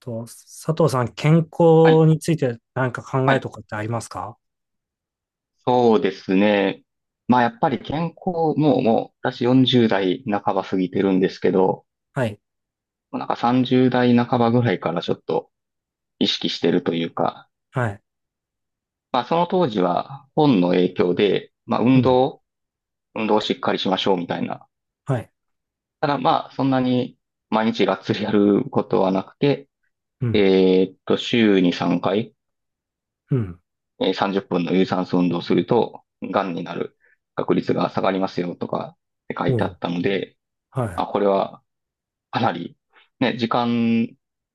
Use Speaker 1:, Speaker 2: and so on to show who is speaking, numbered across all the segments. Speaker 1: と、佐藤さん、健
Speaker 2: はい、
Speaker 1: 康について何か考
Speaker 2: は
Speaker 1: え
Speaker 2: い、
Speaker 1: とかってありますか？
Speaker 2: そうですね。まあやっぱり健康、もう私40代半ば過ぎてるんですけど、
Speaker 1: はい。
Speaker 2: もうなんか30代半ばぐらいからちょっと意識してるというか、
Speaker 1: はい。
Speaker 2: まあその当時は本の影響で、まあ
Speaker 1: うん。
Speaker 2: 運動をしっかりしましょうみたいな。
Speaker 1: はい。
Speaker 2: ただまあそんなに毎日がっつりやることはなくて、
Speaker 1: うん。
Speaker 2: 週に3回、
Speaker 1: うん。
Speaker 2: 30分の有酸素運動をすると、癌になる確率が下がりますよとかって書い
Speaker 1: う
Speaker 2: てあ
Speaker 1: ん。
Speaker 2: ったので、
Speaker 1: は
Speaker 2: あ、これはかなり、ね、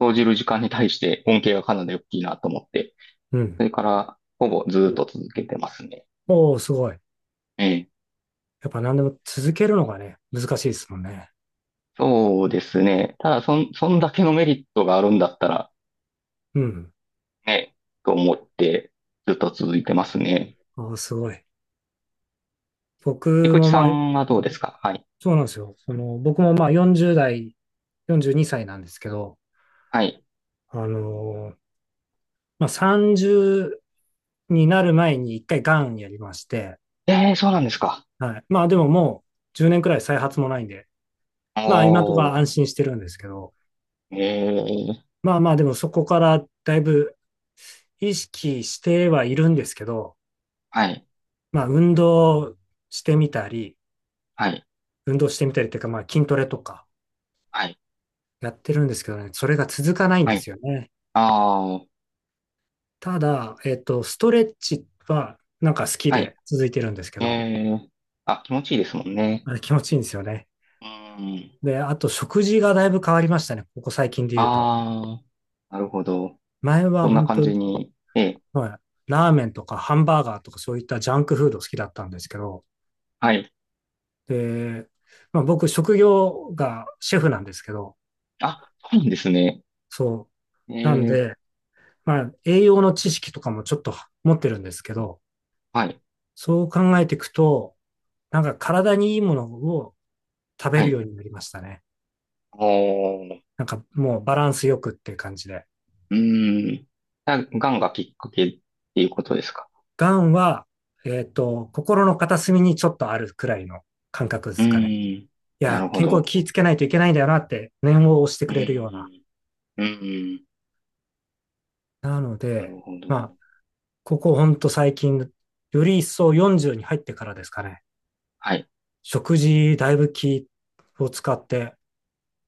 Speaker 2: 投じる時間に対して恩恵がかなり大きいなと思って、
Speaker 1: い。うん。
Speaker 2: それからほぼずっと続けてますね。
Speaker 1: おー、すごい。
Speaker 2: ええ。
Speaker 1: やっぱ何でも続けるのがね、難しいですもんね。
Speaker 2: そうですね。ただ、そんだけのメリットがあるんだったら、
Speaker 1: うん。
Speaker 2: ね、と思って、ずっと続いてますね。
Speaker 1: おー、すごい。僕
Speaker 2: 菊池
Speaker 1: も
Speaker 2: さ
Speaker 1: まあ、
Speaker 2: んはどうですか。はい。
Speaker 1: そうなんですよ。その、僕もまあ40代、42歳なんですけど、
Speaker 2: はい。
Speaker 1: あのーまあ、30になる前に一回がんやりまして、
Speaker 2: ええ、そうなんですか。
Speaker 1: はい。まあでももう10年くらい再発もないんで、まあ今のと
Speaker 2: お
Speaker 1: か
Speaker 2: ー、
Speaker 1: 安心してるんですけど、
Speaker 2: ええ、
Speaker 1: まあまあでもそこからだいぶ意識してはいるんですけど、
Speaker 2: はい、
Speaker 1: まあ運動してみたり、
Speaker 2: はい、
Speaker 1: 運動してみたりっていうかまあ筋トレとか
Speaker 2: はい、
Speaker 1: やってるんですけどね、それが続かないん
Speaker 2: は
Speaker 1: で
Speaker 2: い。
Speaker 1: すよね。
Speaker 2: ああ、
Speaker 1: ただ、ストレッチはなんか好き
Speaker 2: はい。
Speaker 1: で続いてるんですけ
Speaker 2: え
Speaker 1: ど、
Speaker 2: え、あ、気持ちいいですもんね。
Speaker 1: あれ気持ちいいんですよね。
Speaker 2: うん。
Speaker 1: で、あと食事がだいぶ変わりましたね、ここ最近で言うと。
Speaker 2: ああ、なるほど。
Speaker 1: 前
Speaker 2: そ
Speaker 1: は
Speaker 2: んな
Speaker 1: 本
Speaker 2: 感
Speaker 1: 当、
Speaker 2: じに。ええ、
Speaker 1: はい、ラーメンとかハンバーガーとかそういったジャンクフード好きだったんですけど、
Speaker 2: はい。
Speaker 1: で、まあ、僕、職業がシェフなんですけど、
Speaker 2: あ、そうなんですね。
Speaker 1: そ
Speaker 2: え
Speaker 1: う。なん
Speaker 2: え、
Speaker 1: で、まあ、栄養の知識とかもちょっと持ってるんですけど、
Speaker 2: はい、
Speaker 1: そう考えていくと、なんか体にいいものを食べ
Speaker 2: は
Speaker 1: る
Speaker 2: い。
Speaker 1: ようになりましたね。
Speaker 2: おー、
Speaker 1: なんかもうバランスよくっていう感じで。
Speaker 2: うーん。がんがきっかけっていうことですか。
Speaker 1: がんは、心の片隅にちょっとあるくらいの感覚で
Speaker 2: う
Speaker 1: すかね。
Speaker 2: ーん。
Speaker 1: い
Speaker 2: なる
Speaker 1: や、
Speaker 2: ほ
Speaker 1: 健康
Speaker 2: ど。
Speaker 1: 気をつけないといけないんだよなって念を押して
Speaker 2: う
Speaker 1: くれるような。
Speaker 2: ーん。うーん。
Speaker 1: なの
Speaker 2: なる
Speaker 1: で、
Speaker 2: ほど。
Speaker 1: まあ、ここほんと最近、より一層40に入ってからですかね。
Speaker 2: はい。
Speaker 1: 食事だいぶ気を使って、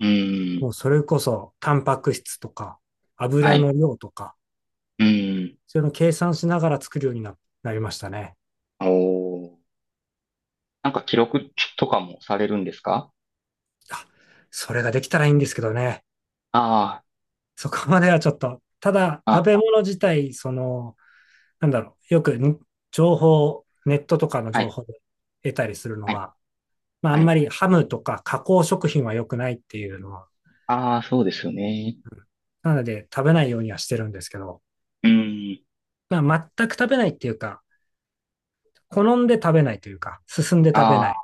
Speaker 2: うー
Speaker 1: も
Speaker 2: ん。
Speaker 1: うそれこそタンパク質とか
Speaker 2: は
Speaker 1: 油の
Speaker 2: い。
Speaker 1: 量とか、
Speaker 2: うーん。
Speaker 1: そういうの計算しながら作るようになりましたね。
Speaker 2: おー。なんか記録とかもされるんですか。
Speaker 1: あ、それができたらいいんですけどね。
Speaker 2: あ
Speaker 1: そこまではちょっと、ただ
Speaker 2: あー、
Speaker 1: 食
Speaker 2: あ、
Speaker 1: べ物自体、その、なんだろう、よくに情報、ネットとかの
Speaker 2: は
Speaker 1: 情
Speaker 2: い、
Speaker 1: 報で得たりするの
Speaker 2: はい、
Speaker 1: が、まああ
Speaker 2: は
Speaker 1: んま
Speaker 2: い。
Speaker 1: りハムとか加工食品は良くないっていうのは
Speaker 2: ああ、そうですよね。
Speaker 1: なので、食べないようにはしてるんですけど、
Speaker 2: うーん。
Speaker 1: まあ、全く食べないっていうか、好んで食べないというか、進んで食べ
Speaker 2: あ
Speaker 1: ない。
Speaker 2: あ、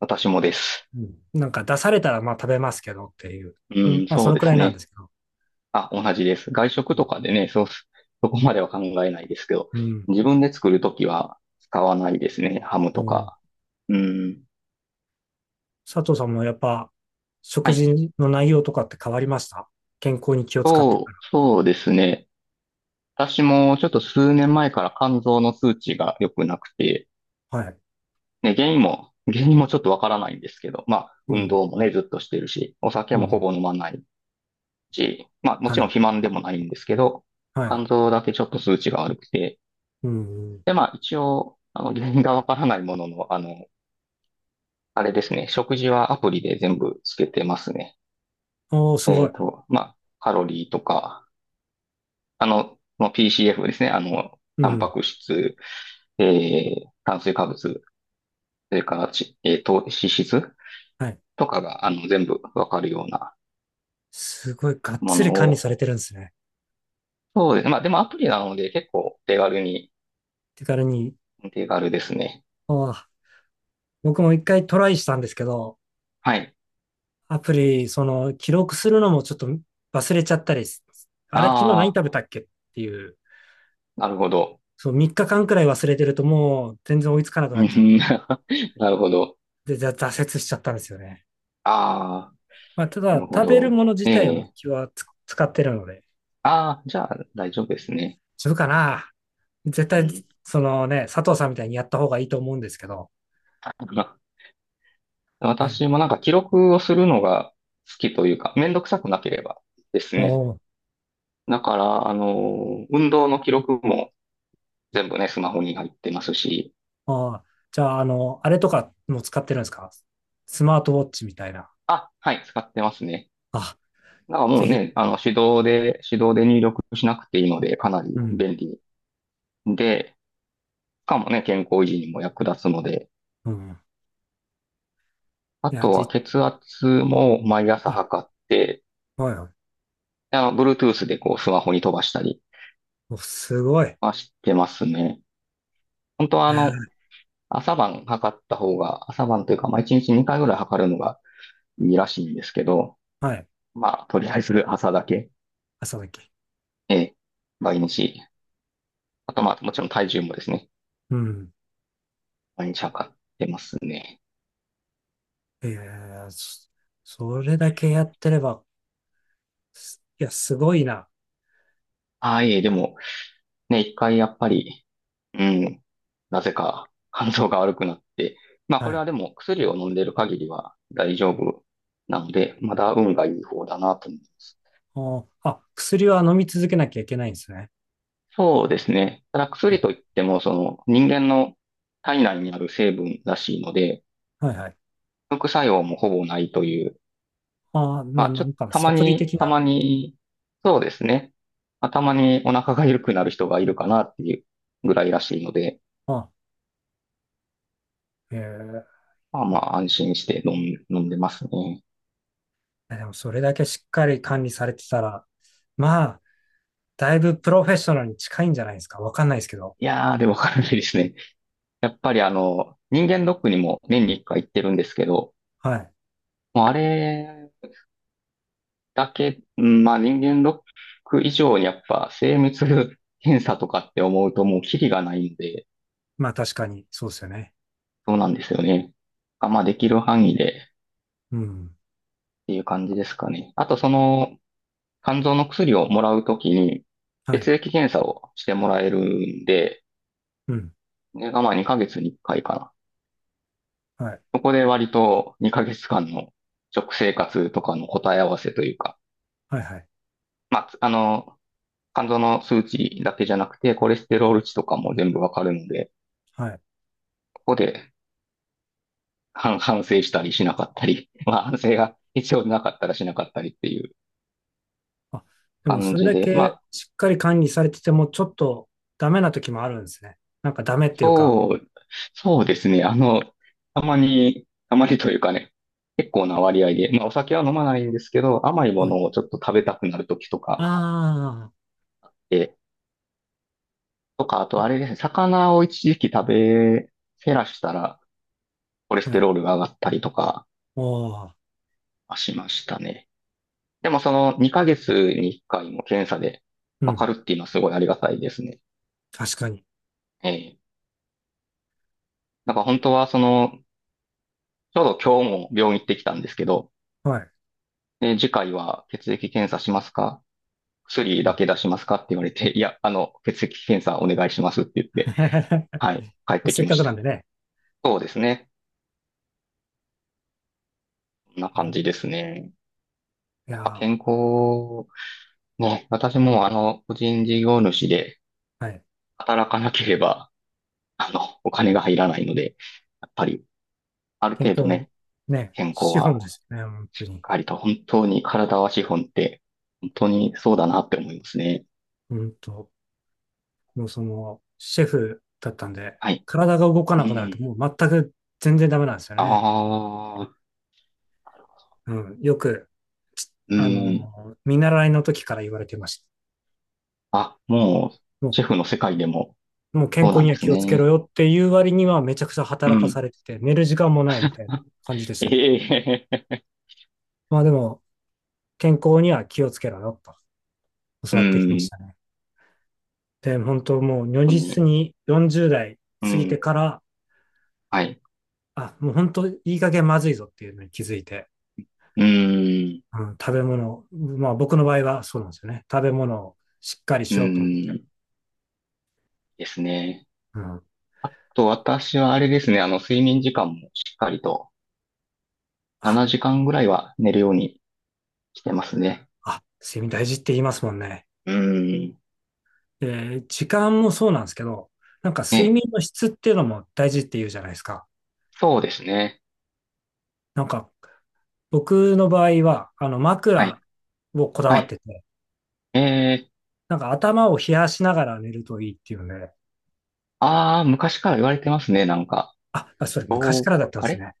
Speaker 2: 私もです。
Speaker 1: うん、なんか出されたらまあ食べますけどっていう、
Speaker 2: う
Speaker 1: うん、
Speaker 2: ん、
Speaker 1: まあそ
Speaker 2: そう
Speaker 1: の
Speaker 2: で
Speaker 1: くら
Speaker 2: す
Speaker 1: いなんで
Speaker 2: ね。
Speaker 1: すけど。
Speaker 2: あ、同じです。外食とかでね、そうす、そこまでは考えないですけど、
Speaker 1: うん。
Speaker 2: 自分で作るときは使わないですね。ハムと
Speaker 1: も
Speaker 2: か。うん。
Speaker 1: 佐藤さんもやっぱ
Speaker 2: は
Speaker 1: 食
Speaker 2: い。
Speaker 1: 事の内容とかって変わりました？健康に気を使ってか
Speaker 2: そうですね。私もちょっと数年前から肝臓の数値が良くなくて、
Speaker 1: ら。はい。
Speaker 2: ね、原因も、原因もちょっとわからないんですけど、まあ、
Speaker 1: う
Speaker 2: 運
Speaker 1: ん。
Speaker 2: 動もね、ずっとしてるし、お酒
Speaker 1: う
Speaker 2: もほ
Speaker 1: ん。
Speaker 2: ぼ飲まないし、まあ、も
Speaker 1: は
Speaker 2: ちろん
Speaker 1: い。
Speaker 2: 肥満でもないんですけど、
Speaker 1: はい。
Speaker 2: 肝臓だけちょっと数値が悪くて、
Speaker 1: うん。
Speaker 2: で、まあ一応、あの、原因がわからないものの、あの、あれですね、食事はアプリで全部つけてますね。
Speaker 1: おー、す
Speaker 2: え
Speaker 1: ご
Speaker 2: っ
Speaker 1: い。
Speaker 2: と、まあ、カロリーとか、あの、 PCF ですね、あの、
Speaker 1: う
Speaker 2: タン
Speaker 1: ん。
Speaker 2: パク質、炭水化物、それからち、えー、糖、脂質
Speaker 1: はい。
Speaker 2: とかが、あの、全部わかるような
Speaker 1: すごい、がっ
Speaker 2: も
Speaker 1: つり
Speaker 2: の
Speaker 1: 管理
Speaker 2: を。
Speaker 1: されてるんですね。
Speaker 2: そうですね。まあ、でもアプリなので結構手軽に、
Speaker 1: 手軽に。
Speaker 2: 手軽ですね。
Speaker 1: ああ、僕も一回トライしたんですけど、
Speaker 2: はい。
Speaker 1: アプリ、その、記録するのもちょっと忘れちゃったりす、あれ、昨日何
Speaker 2: あ
Speaker 1: 食べたっけっていう、
Speaker 2: あ、なるほど。
Speaker 1: そう、3日間くらい忘れてるともう全然追いつかなく
Speaker 2: う
Speaker 1: な
Speaker 2: ん。
Speaker 1: っちゃって、
Speaker 2: なるほど。
Speaker 1: で、挫折しちゃったんですよね。
Speaker 2: ああ。
Speaker 1: まあ、た
Speaker 2: な
Speaker 1: だ、
Speaker 2: るほ
Speaker 1: 食べる
Speaker 2: ど。
Speaker 1: もの自
Speaker 2: え
Speaker 1: 体も
Speaker 2: え。
Speaker 1: 気はつ使ってるので、
Speaker 2: ああ、じゃあ大丈夫ですね。
Speaker 1: 自分かな絶
Speaker 2: う
Speaker 1: 対、
Speaker 2: ん。
Speaker 1: そのね、佐藤さんみたいにやった方がいいと思うんですけど、
Speaker 2: あ、
Speaker 1: ね、
Speaker 2: 私もなんか記録をするのが好きというか、めんどくさくなければですね。
Speaker 1: も
Speaker 2: だから、あの、運動の記録も全部ね、スマホに入ってますし、
Speaker 1: う、ああ、じゃあ、あれとかも使ってるんですか？スマートウォッチみたいな。
Speaker 2: あ、はい、使ってますね。
Speaker 1: あ、
Speaker 2: だからも
Speaker 1: ぜ
Speaker 2: う
Speaker 1: ひ、
Speaker 2: ね、あの、手動で入力しなくていいので、かな
Speaker 1: う
Speaker 2: り
Speaker 1: ん、
Speaker 2: 便利で、しかもね、健康維持にも役立つので、
Speaker 1: うん。
Speaker 2: あ
Speaker 1: いや、
Speaker 2: とは
Speaker 1: じ、
Speaker 2: 血圧も毎朝測って、
Speaker 1: はいはい。
Speaker 2: あの、Bluetooth でこうスマホに飛ばしたり
Speaker 1: お、すごい。
Speaker 2: はしてますね。本当はあの、
Speaker 1: ー
Speaker 2: 朝晩測った方が、朝晩というか、まあ、1日2回ぐらい測るのがいいらしいんですけど、
Speaker 1: はい。
Speaker 2: まあ、とりあえず朝だけ、
Speaker 1: 朝だけ。
Speaker 2: ええ、毎日。あとまあ、もちろん体重もですね、
Speaker 1: うん。
Speaker 2: 毎日測ってますね。
Speaker 1: えー、そそれだけやってれば、すいや、すごいな。
Speaker 2: ああ、いえ、でも、ね、一回やっぱり、うん、なぜか肝臓が悪くなって、まあ
Speaker 1: は
Speaker 2: これ
Speaker 1: い。
Speaker 2: はでも薬を飲んでる限りは大丈夫なので、まだ運がいい方だなと思います。
Speaker 1: お、あ、薬は飲み続けなきゃいけないんですね。
Speaker 2: そうですね。ただ
Speaker 1: あ
Speaker 2: 薬といっても、その人間の体内にある成分らしいので、
Speaker 1: はいはい。
Speaker 2: 副作用もほぼないという。
Speaker 1: あ、まあ
Speaker 2: まあ、
Speaker 1: な
Speaker 2: ちょっと
Speaker 1: んか
Speaker 2: た
Speaker 1: サ
Speaker 2: ま
Speaker 1: プリ
Speaker 2: に、
Speaker 1: 的
Speaker 2: た
Speaker 1: な。
Speaker 2: まに、そうですね。まあ、たまにお腹が緩くなる人がいるかなっていうぐらいらしいので、
Speaker 1: あ、えー、
Speaker 2: まあまあ安心して飲んでますね。
Speaker 1: でもそれだけしっかり管理されてたら、まあ、だいぶプロフェッショナルに近いんじゃないですか。わかんないですけど。
Speaker 2: いやー、でもかなりですね。やっぱりあの、人間ドックにも年に1回行ってるんですけど、
Speaker 1: はい。
Speaker 2: もうあれだけ、まあ人間ドック以上にやっぱ精密検査とかって思うともうキリがないんで、
Speaker 1: まあ確かに、そうですよね。
Speaker 2: そうなんですよね。あ、まあできる範囲でっ
Speaker 1: うん。
Speaker 2: ていう感じですかね。あとその肝臓の薬をもらうときに
Speaker 1: はい。
Speaker 2: 血液検査をしてもらえるんで、
Speaker 1: うん。
Speaker 2: ねがまあ2ヶ月に1回かいかな。
Speaker 1: はい。
Speaker 2: そこで割と2ヶ月間の食生活とかの答え合わせというか、
Speaker 1: はいはい。
Speaker 2: まあ、あの、肝臓の数値だけじゃなくて、コレステロール値とかも全部わかるので、
Speaker 1: はい。
Speaker 2: ここで反省したりしなかったり、まあ反省が必要なかったらしなかったりっていう
Speaker 1: あ、でも
Speaker 2: 感
Speaker 1: それ
Speaker 2: じ
Speaker 1: だ
Speaker 2: で、ま
Speaker 1: け
Speaker 2: あ、
Speaker 1: しっかり管理されてても、ちょっとダメな時もあるんですね。なんかダメっていうか、
Speaker 2: そう、そうですね。あの、たまにというかね、結構な割合で、まあお酒は飲まないんですけど、甘いも
Speaker 1: はい。
Speaker 2: のをちょっと食べたくなるときとか、
Speaker 1: あ
Speaker 2: え、とか、あとあれですね、魚を一時期食べ、減らしたら、コレ
Speaker 1: あ、
Speaker 2: ス
Speaker 1: は
Speaker 2: テ
Speaker 1: い。
Speaker 2: ロールが上がったりとか
Speaker 1: おー、
Speaker 2: しましたね。でもその2ヶ月に1回も検査で
Speaker 1: う
Speaker 2: わか
Speaker 1: ん、
Speaker 2: るっていうのはすごいありがたいですね。
Speaker 1: 確かに。
Speaker 2: ええ、だから本当はその、ちょうど今日も病院行ってきたんですけど、
Speaker 1: はい。
Speaker 2: で次回は血液検査しますか薬
Speaker 1: う
Speaker 2: だ
Speaker 1: ん
Speaker 2: け出しますかって言われて、いや、あの、血液検査お願いしますって言って、はい、帰って
Speaker 1: せ
Speaker 2: き
Speaker 1: っ
Speaker 2: ま
Speaker 1: か
Speaker 2: し
Speaker 1: くなん
Speaker 2: た。
Speaker 1: でね。
Speaker 2: そうですね。こんな感じで
Speaker 1: い
Speaker 2: すね。
Speaker 1: や
Speaker 2: やっぱ健
Speaker 1: ー、
Speaker 2: 康、ね、私もあの、個人事業主で
Speaker 1: はい。
Speaker 2: 働かなければ、あの、お金が入らないので、やっぱり、ある
Speaker 1: 健
Speaker 2: 程度
Speaker 1: 康、
Speaker 2: ね、
Speaker 1: ね、
Speaker 2: 健康
Speaker 1: 資本
Speaker 2: は、
Speaker 1: ですよね、本当に。
Speaker 2: ありと本当に体は資本って、本当にそうだなって思いますね。
Speaker 1: うんと、もうその、シェフだったんで、
Speaker 2: はい。
Speaker 1: 体が動か
Speaker 2: う
Speaker 1: なくなると、
Speaker 2: ん。
Speaker 1: もう全く全然ダメなんですよ
Speaker 2: あ
Speaker 1: ね。
Speaker 2: あ、
Speaker 1: うん、よく、
Speaker 2: うん。
Speaker 1: 見習いの時から言われてました。
Speaker 2: あ、もう、シェフの世界でも、
Speaker 1: もう健
Speaker 2: そう
Speaker 1: 康
Speaker 2: なん
Speaker 1: に
Speaker 2: で
Speaker 1: は
Speaker 2: す
Speaker 1: 気をつけろ
Speaker 2: ね。
Speaker 1: よっていう割にはめちゃくちゃ
Speaker 2: う
Speaker 1: 働か
Speaker 2: ん。
Speaker 1: されてて、寝る時間もないみたいな感じでしたけど。
Speaker 2: ええ、
Speaker 1: まあでも、健康には気をつけろよと教
Speaker 2: う
Speaker 1: わってきま
Speaker 2: ん。
Speaker 1: したね。で、本当もう如
Speaker 2: 本当
Speaker 1: 実
Speaker 2: に。
Speaker 1: に40代
Speaker 2: う
Speaker 1: 過ぎて
Speaker 2: ん。
Speaker 1: から、
Speaker 2: はい。
Speaker 1: あ、もう本当いい加減まずいぞっていうのに気づいて、
Speaker 2: うん。
Speaker 1: うん、食べ物、まあ僕の場合はそうなんですよね。食べ物をしっかり
Speaker 2: う
Speaker 1: しようと思って。
Speaker 2: ん。ですね。
Speaker 1: うん、
Speaker 2: あと、私はあれですね。あの、睡眠時間もしっかりと、
Speaker 1: あ、
Speaker 2: 7時間ぐらいは寝るようにしてますね。
Speaker 1: あ、睡眠大事って言いますもんね。
Speaker 2: うん。
Speaker 1: で、時間もそうなんですけど、なんか睡
Speaker 2: え、
Speaker 1: 眠の質っていうのも大事って言うじゃないですか。
Speaker 2: そうですね。
Speaker 1: なんか僕の場合は、あの
Speaker 2: は
Speaker 1: 枕
Speaker 2: い。
Speaker 1: をこだ
Speaker 2: は
Speaker 1: わっ
Speaker 2: い。
Speaker 1: てて、
Speaker 2: えー、
Speaker 1: なんか頭を冷やしながら寝るといいっていうので、
Speaker 2: ああ、昔から言われてますね。なんか。
Speaker 1: あ、それ昔
Speaker 2: そ
Speaker 1: か
Speaker 2: う、
Speaker 1: らだったんで
Speaker 2: あ
Speaker 1: す
Speaker 2: れ
Speaker 1: ね。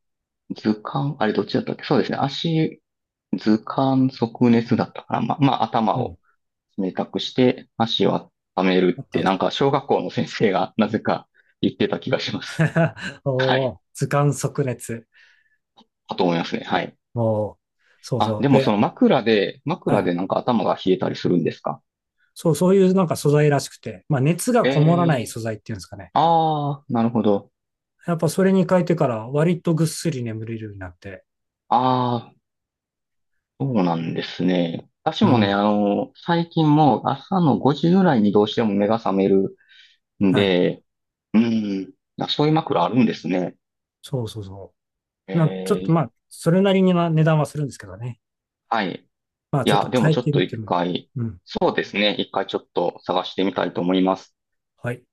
Speaker 2: 図鑑、あれどっちだったっけ。そうですね。足、図鑑即熱だったから、まあ、まあ、頭
Speaker 1: うん。
Speaker 2: を冷たくして、足を温め
Speaker 1: あ
Speaker 2: る
Speaker 1: っ
Speaker 2: っ
Speaker 1: たあ
Speaker 2: て、
Speaker 1: っ
Speaker 2: なんか、小学校の先生が なぜか言ってた気がします。
Speaker 1: た
Speaker 2: は
Speaker 1: お
Speaker 2: い。
Speaker 1: ー、図鑑即熱。
Speaker 2: だと思いますね。はい。
Speaker 1: もう、そう
Speaker 2: あ、
Speaker 1: そう。
Speaker 2: でもそ
Speaker 1: で、
Speaker 2: の
Speaker 1: は
Speaker 2: 枕
Speaker 1: い。
Speaker 2: でなんか頭が冷えたりするんですか。
Speaker 1: そう、そういうなんか素材らしくて、まあ熱が
Speaker 2: え
Speaker 1: こもらない
Speaker 2: え、
Speaker 1: 素材っていうんですかね。
Speaker 2: ああー、なるほど。
Speaker 1: やっぱそれに変えてから割とぐっすり眠れるようになって、
Speaker 2: ああ、そうなんですね。私
Speaker 1: う
Speaker 2: もね、
Speaker 1: ん。
Speaker 2: あの、最近もう朝の5時ぐらいにどうしても目が覚めるん
Speaker 1: はい。
Speaker 2: で、うん。あ、そういう枕あるんですね。
Speaker 1: そうそうそ
Speaker 2: え
Speaker 1: う。ちょっと
Speaker 2: え、
Speaker 1: まあ、それなりには値段はするんですけどね。
Speaker 2: はい。
Speaker 1: まあ、
Speaker 2: い
Speaker 1: ちょっ
Speaker 2: や、
Speaker 1: と
Speaker 2: でも
Speaker 1: 変え
Speaker 2: ちょっ
Speaker 1: て
Speaker 2: と
Speaker 1: みて
Speaker 2: 一
Speaker 1: も。
Speaker 2: 回、
Speaker 1: うん。
Speaker 2: そうですね。一回ちょっと探してみたいと思います。
Speaker 1: はい。